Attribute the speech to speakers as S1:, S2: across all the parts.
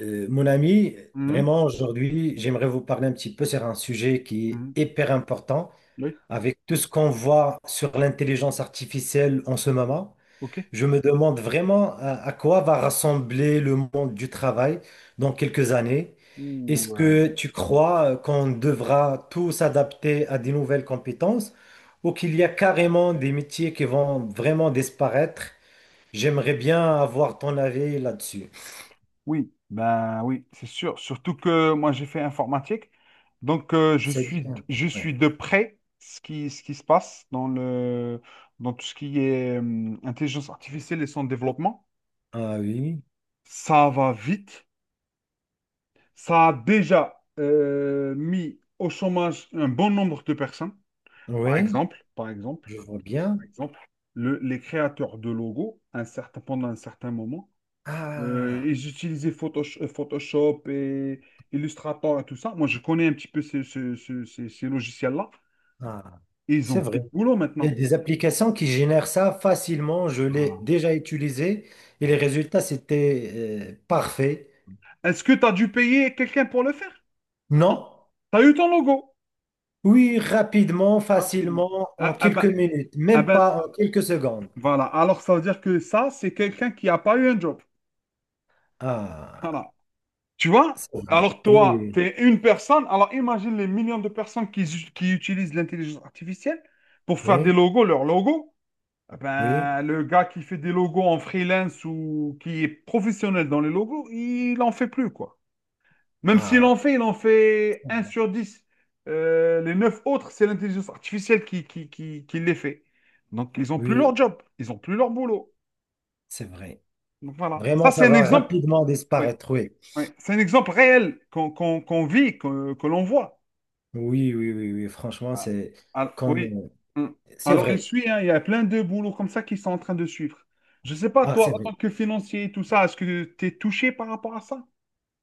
S1: Mon ami,
S2: Mhm,
S1: vraiment aujourd'hui, j'aimerais vous parler un petit peu sur un sujet qui
S2: mhm.
S1: est hyper important.
S2: Oui,
S1: Avec tout ce qu'on voit sur l'intelligence artificielle en ce moment,
S2: ok.
S1: je me demande vraiment à quoi va rassembler le monde du travail dans quelques années. Est-ce
S2: Ouh, euh,
S1: que tu crois qu'on devra tous s'adapter à des nouvelles compétences ou qu'il y a carrément des métiers qui vont vraiment disparaître? J'aimerais bien avoir ton avis là-dessus.
S2: oui, ben oui, c'est sûr. Surtout que moi j'ai fait informatique, donc je
S1: C'est
S2: suis
S1: bien.
S2: je
S1: Oui.
S2: suis de près ce qui se passe dans tout ce qui est intelligence artificielle et son développement.
S1: Ah oui,
S2: Ça va vite. Ça a déjà mis au chômage un bon nombre de personnes. Par
S1: oui,
S2: exemple, par exemple,
S1: je vois bien.
S2: par exemple, les créateurs de logos, pendant un certain moment.
S1: Ah,
S2: Et j'utilisais Photoshop et Illustrator et tout ça. Moi, je connais un petit peu ces, ce- ce- ces- ces logiciels-là.
S1: ah,
S2: Et ils ont
S1: c'est
S2: plus
S1: vrai.
S2: de boulot
S1: Il y a
S2: maintenant.
S1: des applications qui génèrent ça facilement. Je l'ai
S2: Voilà.
S1: déjà utilisé et les
S2: Voilà.
S1: résultats, c'était parfait.
S2: Est-ce que tu as dû payer quelqu'un pour le faire?
S1: Non?
S2: Non. Tu as eu ton logo
S1: Oui, rapidement,
S2: rapidement.
S1: facilement, en
S2: Ah, ah
S1: quelques
S2: ben,
S1: minutes,
S2: ah
S1: même
S2: ben,
S1: pas en quelques secondes.
S2: voilà. Alors, ça veut dire que ça, c'est quelqu'un qui n'a pas eu un job.
S1: Ah,
S2: Voilà. Tu vois?
S1: c'est vrai.
S2: Alors, toi, tu
S1: Oui,
S2: es une personne. Alors, imagine les millions de personnes qui utilisent l'intelligence artificielle pour faire des
S1: oui,
S2: logos, leurs logos. Ah
S1: oui.
S2: ben, le gars qui fait des logos en freelance ou qui est professionnel dans les logos, il en fait plus, quoi. Même s'il
S1: Ah,
S2: en fait, il en
S1: c'est
S2: fait un
S1: vrai.
S2: sur 10. Les 9 autres, c'est l'intelligence artificielle qui les fait. Donc, ils n'ont plus
S1: Oui,
S2: leur job, ils n'ont plus leur boulot.
S1: c'est vrai.
S2: Donc, voilà. Ça,
S1: Vraiment,
S2: c'est
S1: ça
S2: un
S1: va
S2: exemple,
S1: rapidement
S2: oui,
S1: disparaître. Oui,
S2: oui. C'est un exemple réel qu'on vit, que l'on voit.
S1: oui, oui, oui, oui. Franchement,
S2: Ah,
S1: c'est
S2: ah,
S1: comme.
S2: oui. Hmm.
S1: C'est
S2: Alors, il
S1: vrai.
S2: suit, hein, il y a plein de boulots comme ça qui sont en train de suivre. Je sais pas,
S1: Ah, c'est
S2: toi, en
S1: vrai.
S2: tant que financier et tout ça, est-ce que tu es touché par rapport à ça?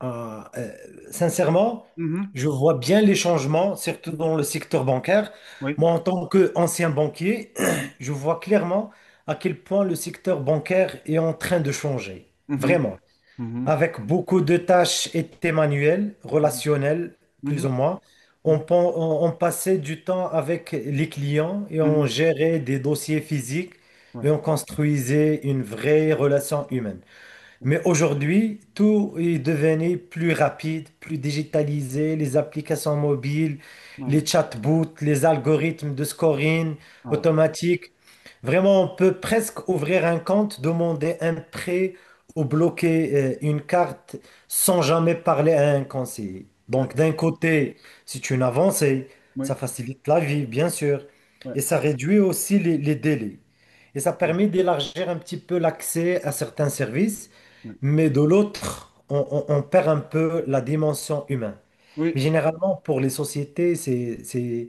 S1: Ah, sincèrement,
S2: Mhm.
S1: je vois bien les changements, surtout
S2: Mhm.
S1: dans le secteur bancaire.
S2: Oui.
S1: Moi, en tant qu'ancien banquier,
S2: Mhm.
S1: je vois clairement à quel point le secteur bancaire est en train de changer.
S2: Mhm.
S1: Vraiment.
S2: Mhm.
S1: Avec beaucoup de tâches et de manuelles,
S2: Mhm.
S1: relationnelles, plus ou moins. On,
S2: Mhm.
S1: pen- on passait du temps avec les clients et
S2: Mhm.
S1: on
S2: Mhm.
S1: gérait des dossiers physiques
S2: Ouais.
S1: et on construisait une vraie relation humaine. Mais aujourd'hui, tout est devenu plus rapide, plus digitalisé, les applications mobiles,
S2: Ah,
S1: les chatbots, les algorithmes de scoring
S2: ah,
S1: automatique. Vraiment, on peut presque ouvrir un compte, demander un prêt ou bloquer une carte sans jamais parler à un conseiller.
S2: ouais.
S1: Donc, d'un côté, c'est une avancée,
S2: Oui.
S1: ça facilite la vie, bien sûr,
S2: Oui, ouais.
S1: et ça réduit aussi les délais. Et ça
S2: Oui.
S1: permet d'élargir un petit peu l'accès à certains services.
S2: Oui.
S1: Mais de l'autre, on perd un peu la dimension humaine.
S2: Oui.
S1: Mais généralement, pour les sociétés,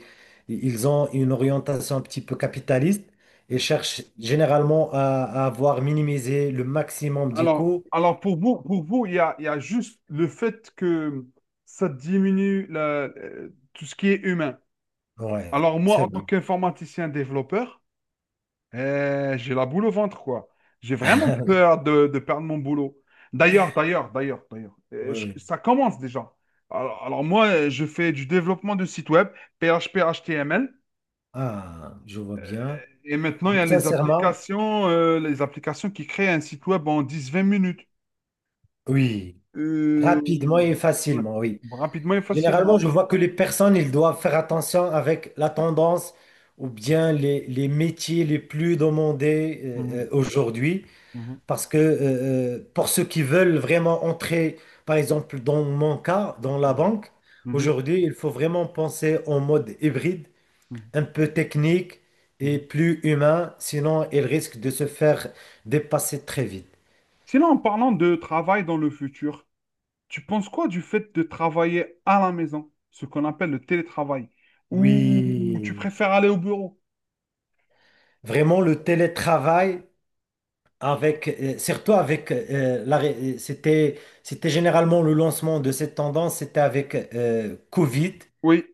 S1: ils ont une orientation un petit peu capitaliste et
S2: Ouais.
S1: cherchent généralement à avoir minimisé le maximum du
S2: Alors,
S1: coût.
S2: alors pour vous, pour vous, il y a juste le fait que ça diminue tout ce qui est humain.
S1: Ouais,
S2: Alors, moi,
S1: c'est
S2: en tant
S1: vrai.
S2: qu'informaticien développeur, j'ai la boule au ventre, quoi. J'ai vraiment peur de perdre mon boulot. D'ailleurs, d'ailleurs, d'ailleurs, d'ailleurs, euh,
S1: Oui,
S2: je-
S1: oui.
S2: ça commence déjà. Alors, moi, je fais du développement de sites web, PHP, HTML,
S1: Ah, je vois bien.
S2: et maintenant, il y a
S1: Sincèrement,
S2: les applications qui créent un site web en dix, vingt minutes.
S1: oui.
S2: Euh,
S1: Rapidement et
S2: ouais,
S1: facilement, oui.
S2: rapidement et
S1: Généralement,
S2: facilement.
S1: je vois que les personnes, ils doivent faire attention avec la tendance ou bien les métiers les plus demandés
S2: Mhm,
S1: aujourd'hui.
S2: mhm,
S1: Parce que pour ceux qui veulent vraiment entrer, par exemple, dans mon cas, dans la
S2: mhm,
S1: banque,
S2: mhm,
S1: aujourd'hui, il faut vraiment penser en mode hybride,
S2: mhm,
S1: un peu technique et
S2: mhm.
S1: plus humain. Sinon, ils risquent de se faire dépasser très vite.
S2: Sinon, en parlant de travail dans le futur, tu penses quoi du fait de travailler à la maison, ce qu'on appelle le télétravail, ou tu
S1: Oui,
S2: préfères aller au bureau?
S1: vraiment, le télétravail. Avec, surtout avec, c'était, c'était généralement le lancement de cette tendance, c'était avec Covid.
S2: Oui.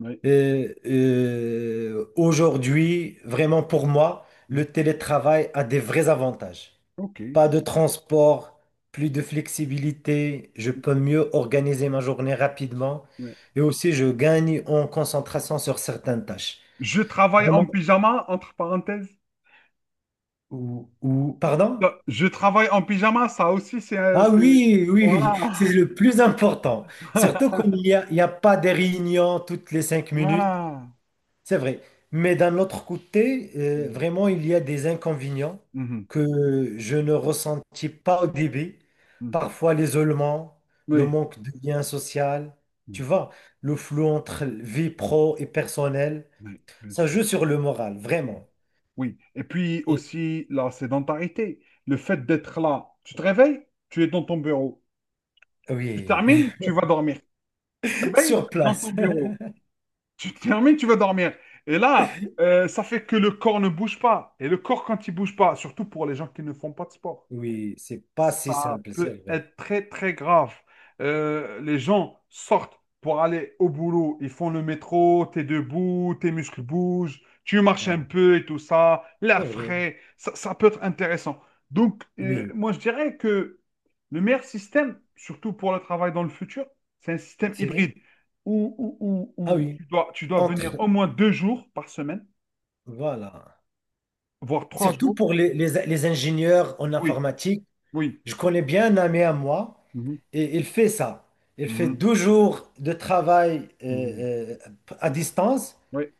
S2: Oui.
S1: Aujourd'hui, vraiment pour moi, le
S2: Mhm.
S1: télétravail a des vrais avantages.
S2: Ok.
S1: Pas de transport, plus de flexibilité, je peux mieux organiser ma journée rapidement
S2: Ouais.
S1: et aussi je gagne en concentration sur certaines tâches.
S2: Je travaille en
S1: Vraiment?
S2: pyjama, entre parenthèses.
S1: Ou pardon?
S2: Ça, je travaille en pyjama, ça aussi,
S1: Ah
S2: c'est-
S1: oui, oui, oui, c'est
S2: Voilà.
S1: le plus important. Surtout il y a pas des réunions toutes les cinq minutes,
S2: Voilà.
S1: c'est vrai. Mais d'un autre côté,
S2: Mhm.
S1: vraiment, il y a des inconvénients
S2: Mhm.
S1: que je ne ressentis pas au début.
S2: Mhm.
S1: Parfois l'isolement, le
S2: Oui.
S1: manque de lien social, tu
S2: Mhm.
S1: vois, le flou entre vie pro et personnelle,
S2: Oui, bien
S1: ça
S2: sûr.
S1: joue sur le moral,
S2: Mhm.
S1: vraiment.
S2: Oui. Et puis
S1: Et-
S2: aussi la sédentarité, le fait d'être là. Tu te réveilles, tu es dans ton bureau. Tu
S1: oui,
S2: termines, tu vas dormir. Tu te réveilles,
S1: sur
S2: tu es dans ton
S1: place.
S2: bureau. Tu te termines, tu vas dormir. Et là, ça fait que le corps ne bouge pas. Et le corps, quand il bouge pas, surtout pour les gens qui ne font pas de sport,
S1: Oui, c'est pas si
S2: ça
S1: simple,
S2: peut
S1: c'est vrai.
S2: être très, très grave. Les gens sortent pour aller au boulot. Ils font le métro, t'es debout, tes muscles bougent, tu marches un
S1: Ah,
S2: peu et tout ça,
S1: c'est
S2: l'air
S1: vrai,
S2: frais. Ça peut être intéressant. Donc,
S1: oui.
S2: moi, je dirais que le meilleur système, surtout pour le travail dans le futur, c'est un système
S1: C'est...
S2: hybride
S1: Ah
S2: où
S1: oui,
S2: tu dois venir
S1: entre...
S2: au moins deux jours par semaine,
S1: Voilà.
S2: voire trois
S1: Surtout
S2: jours.
S1: pour les ingénieurs en
S2: Oui,
S1: informatique.
S2: oui.
S1: Je connais bien un ami à moi
S2: Mhm,
S1: et il fait ça. Il fait
S2: mhm,
S1: deux jours de travail
S2: mhm.
S1: à distance,
S2: Oui.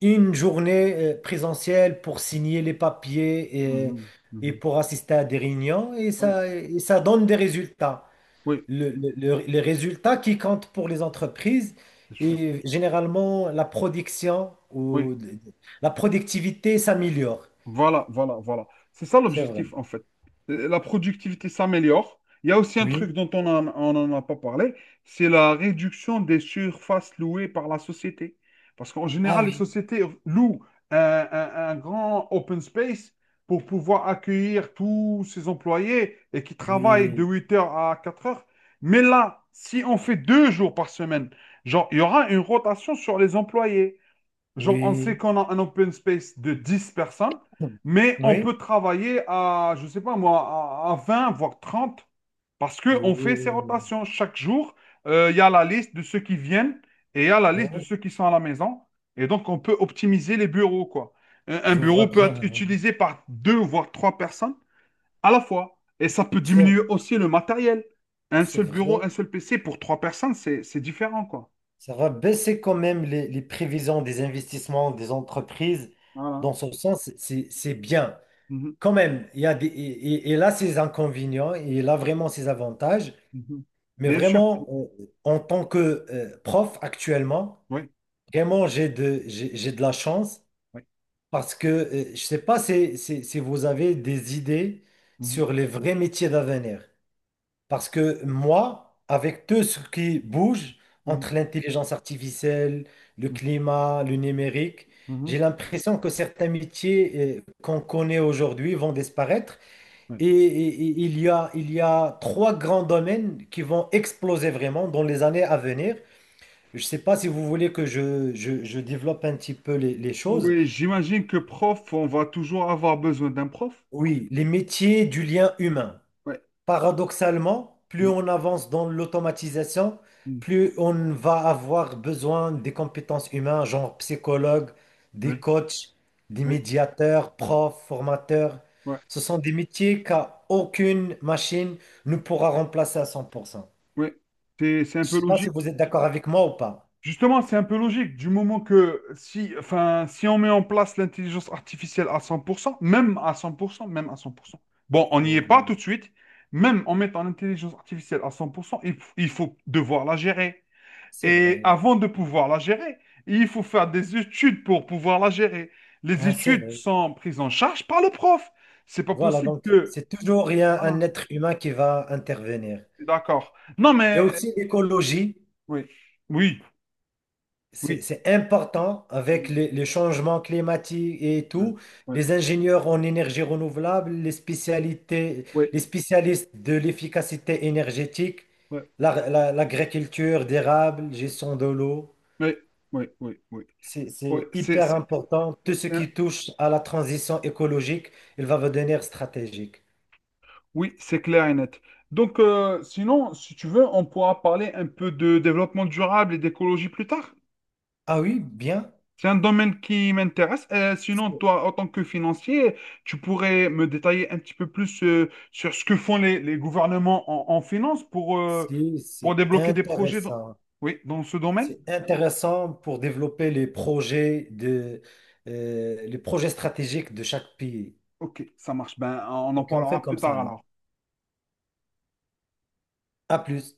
S1: une journée présentielle pour signer les papiers
S2: Mhm,
S1: et
S2: mhm.
S1: pour assister à des réunions
S2: Oui,
S1: et ça donne des résultats.
S2: oui,
S1: Le- les résultats qui comptent pour les entreprises
S2: bien sûr.
S1: et généralement la production
S2: Oui,
S1: ou la productivité s'améliore.
S2: voilà, voilà, voilà. C'est ça
S1: C'est vrai.
S2: l'objectif, en fait. La productivité s'améliore. Il y a aussi un truc
S1: Oui.
S2: dont on n'en a pas parlé, c'est la réduction des surfaces louées par la société. Parce qu'en
S1: Ah
S2: général, les
S1: oui.
S2: sociétés louent un grand open space pour pouvoir accueillir tous ses employés et qui travaillent de
S1: Oui.
S2: 8 heures à 4 heures. Mais là, si on fait deux jours par semaine, genre, il y aura une rotation sur les employés. Genre, on sait
S1: Oui.
S2: qu'on a un open space de 10 personnes,
S1: Oui.
S2: mais on peut
S1: Oui.
S2: travailler à, je sais pas moi, à 20, voire 30 parce qu'on fait ces rotations. Chaque jour, il y a la liste de ceux qui viennent et il y a la
S1: Oui,
S2: liste de
S1: oui.
S2: ceux qui sont à la maison. Et donc, on peut optimiser les bureaux, quoi. Un
S1: Je vois
S2: bureau peut être
S1: bien.
S2: utilisé par deux, voire trois personnes à la fois. Et ça peut diminuer
S1: C'est
S2: aussi le matériel. Un
S1: c'est
S2: seul bureau,
S1: vrai.
S2: un seul PC pour trois personnes, c'est différent, quoi.
S1: Ça va baisser quand même les prévisions des investissements des entreprises.
S2: Voilà.
S1: Dans ce sens, c'est bien.
S2: Mhm,
S1: Quand même, il y a des, et, et là, ses inconvénients et là, vraiment ses avantages.
S2: mhm.
S1: Mais
S2: Bien sûr.
S1: vraiment, en tant que prof actuellement,
S2: Oui.
S1: vraiment, j'ai de la chance
S2: Oui.
S1: parce que je ne sais pas si vous avez des idées
S2: Mhm,
S1: sur les vrais métiers d'avenir. Parce que moi, avec tout ce qui bouge
S2: mhm,
S1: entre l'intelligence artificielle, le
S2: mhm,
S1: climat, le numérique,
S2: mhm,
S1: j'ai l'impression que certains métiers qu'on connaît aujourd'hui vont disparaître
S2: ouais.
S1: et il y a trois grands domaines qui vont exploser vraiment dans les années à venir. Je ne sais pas si vous voulez que je développe un petit peu les choses.
S2: Oui, j'imagine que prof, on va toujours avoir besoin d'un prof.
S1: Oui, les métiers du lien humain.
S2: Ouais.
S1: Paradoxalement, plus
S2: Mhm,
S1: on avance dans l'automatisation,
S2: mhm,
S1: plus on va avoir besoin des compétences humaines, genre psychologue, des
S2: oui,
S1: coachs, des
S2: oui,
S1: médiateurs, profs, formateurs.
S2: ouais,
S1: Ce sont des métiers qu'aucune machine ne pourra remplacer à 100%.
S2: ouais. C'est un
S1: Je
S2: peu
S1: sais pas si
S2: logique.
S1: vous êtes d'accord avec moi ou pas.
S2: Justement, c'est un peu logique du moment que si, enfin, si on met en place l'intelligence artificielle à 100%, même à 100%. Bon, on n'y est
S1: Oh,
S2: pas tout de suite. Même en mettant l'intelligence artificielle à 100%, il faut devoir la gérer.
S1: c'est
S2: Et
S1: vrai.
S2: avant de pouvoir la gérer, il faut faire des études pour pouvoir la gérer. Les
S1: Ouais, c'est
S2: études
S1: vrai.
S2: sont prises en charge par le prof. C'est pas
S1: Voilà,
S2: possible
S1: donc
S2: que.
S1: c'est toujours il y a
S2: Ah,
S1: un être humain qui va intervenir.
S2: d'accord. Non,
S1: Il y a
S2: mais.
S1: aussi l'écologie.
S2: Oui, oui,
S1: C'est
S2: oui.
S1: c'est important avec
S2: Oui,
S1: les changements climatiques et tout.
S2: oui,
S1: Les ingénieurs en énergie renouvelable, les spécialités,
S2: oui,
S1: les spécialistes de l'efficacité énergétique,
S2: oui,
S1: l'agriculture d'érable, gestion de l'eau.
S2: oui, oui, oui. Oui.
S1: C'est
S2: Oui,
S1: c'est hyper important. Tout ce
S2: c'est-
S1: qui touche à la transition écologique, il va devenir stratégique.
S2: oui, c'est clair et net. Donc, sinon, si tu veux, on pourra parler un peu de développement durable et d'écologie plus tard.
S1: Ah oui, bien.
S2: C'est un domaine qui m'intéresse. Sinon,
S1: C'est
S2: toi, en tant que financier, tu pourrais me détailler un petit peu plus sur ce que font les gouvernements en finance pour
S1: c'est
S2: débloquer des projets dans,
S1: intéressant.
S2: oui, dans ce domaine?
S1: C'est intéressant pour développer les projets de, les projets stratégiques de chaque pays.
S2: Ok, ça marche. Ben, on en
S1: Ok, on fait
S2: parlera plus
S1: comme ça,
S2: tard
S1: là.
S2: alors.
S1: À plus.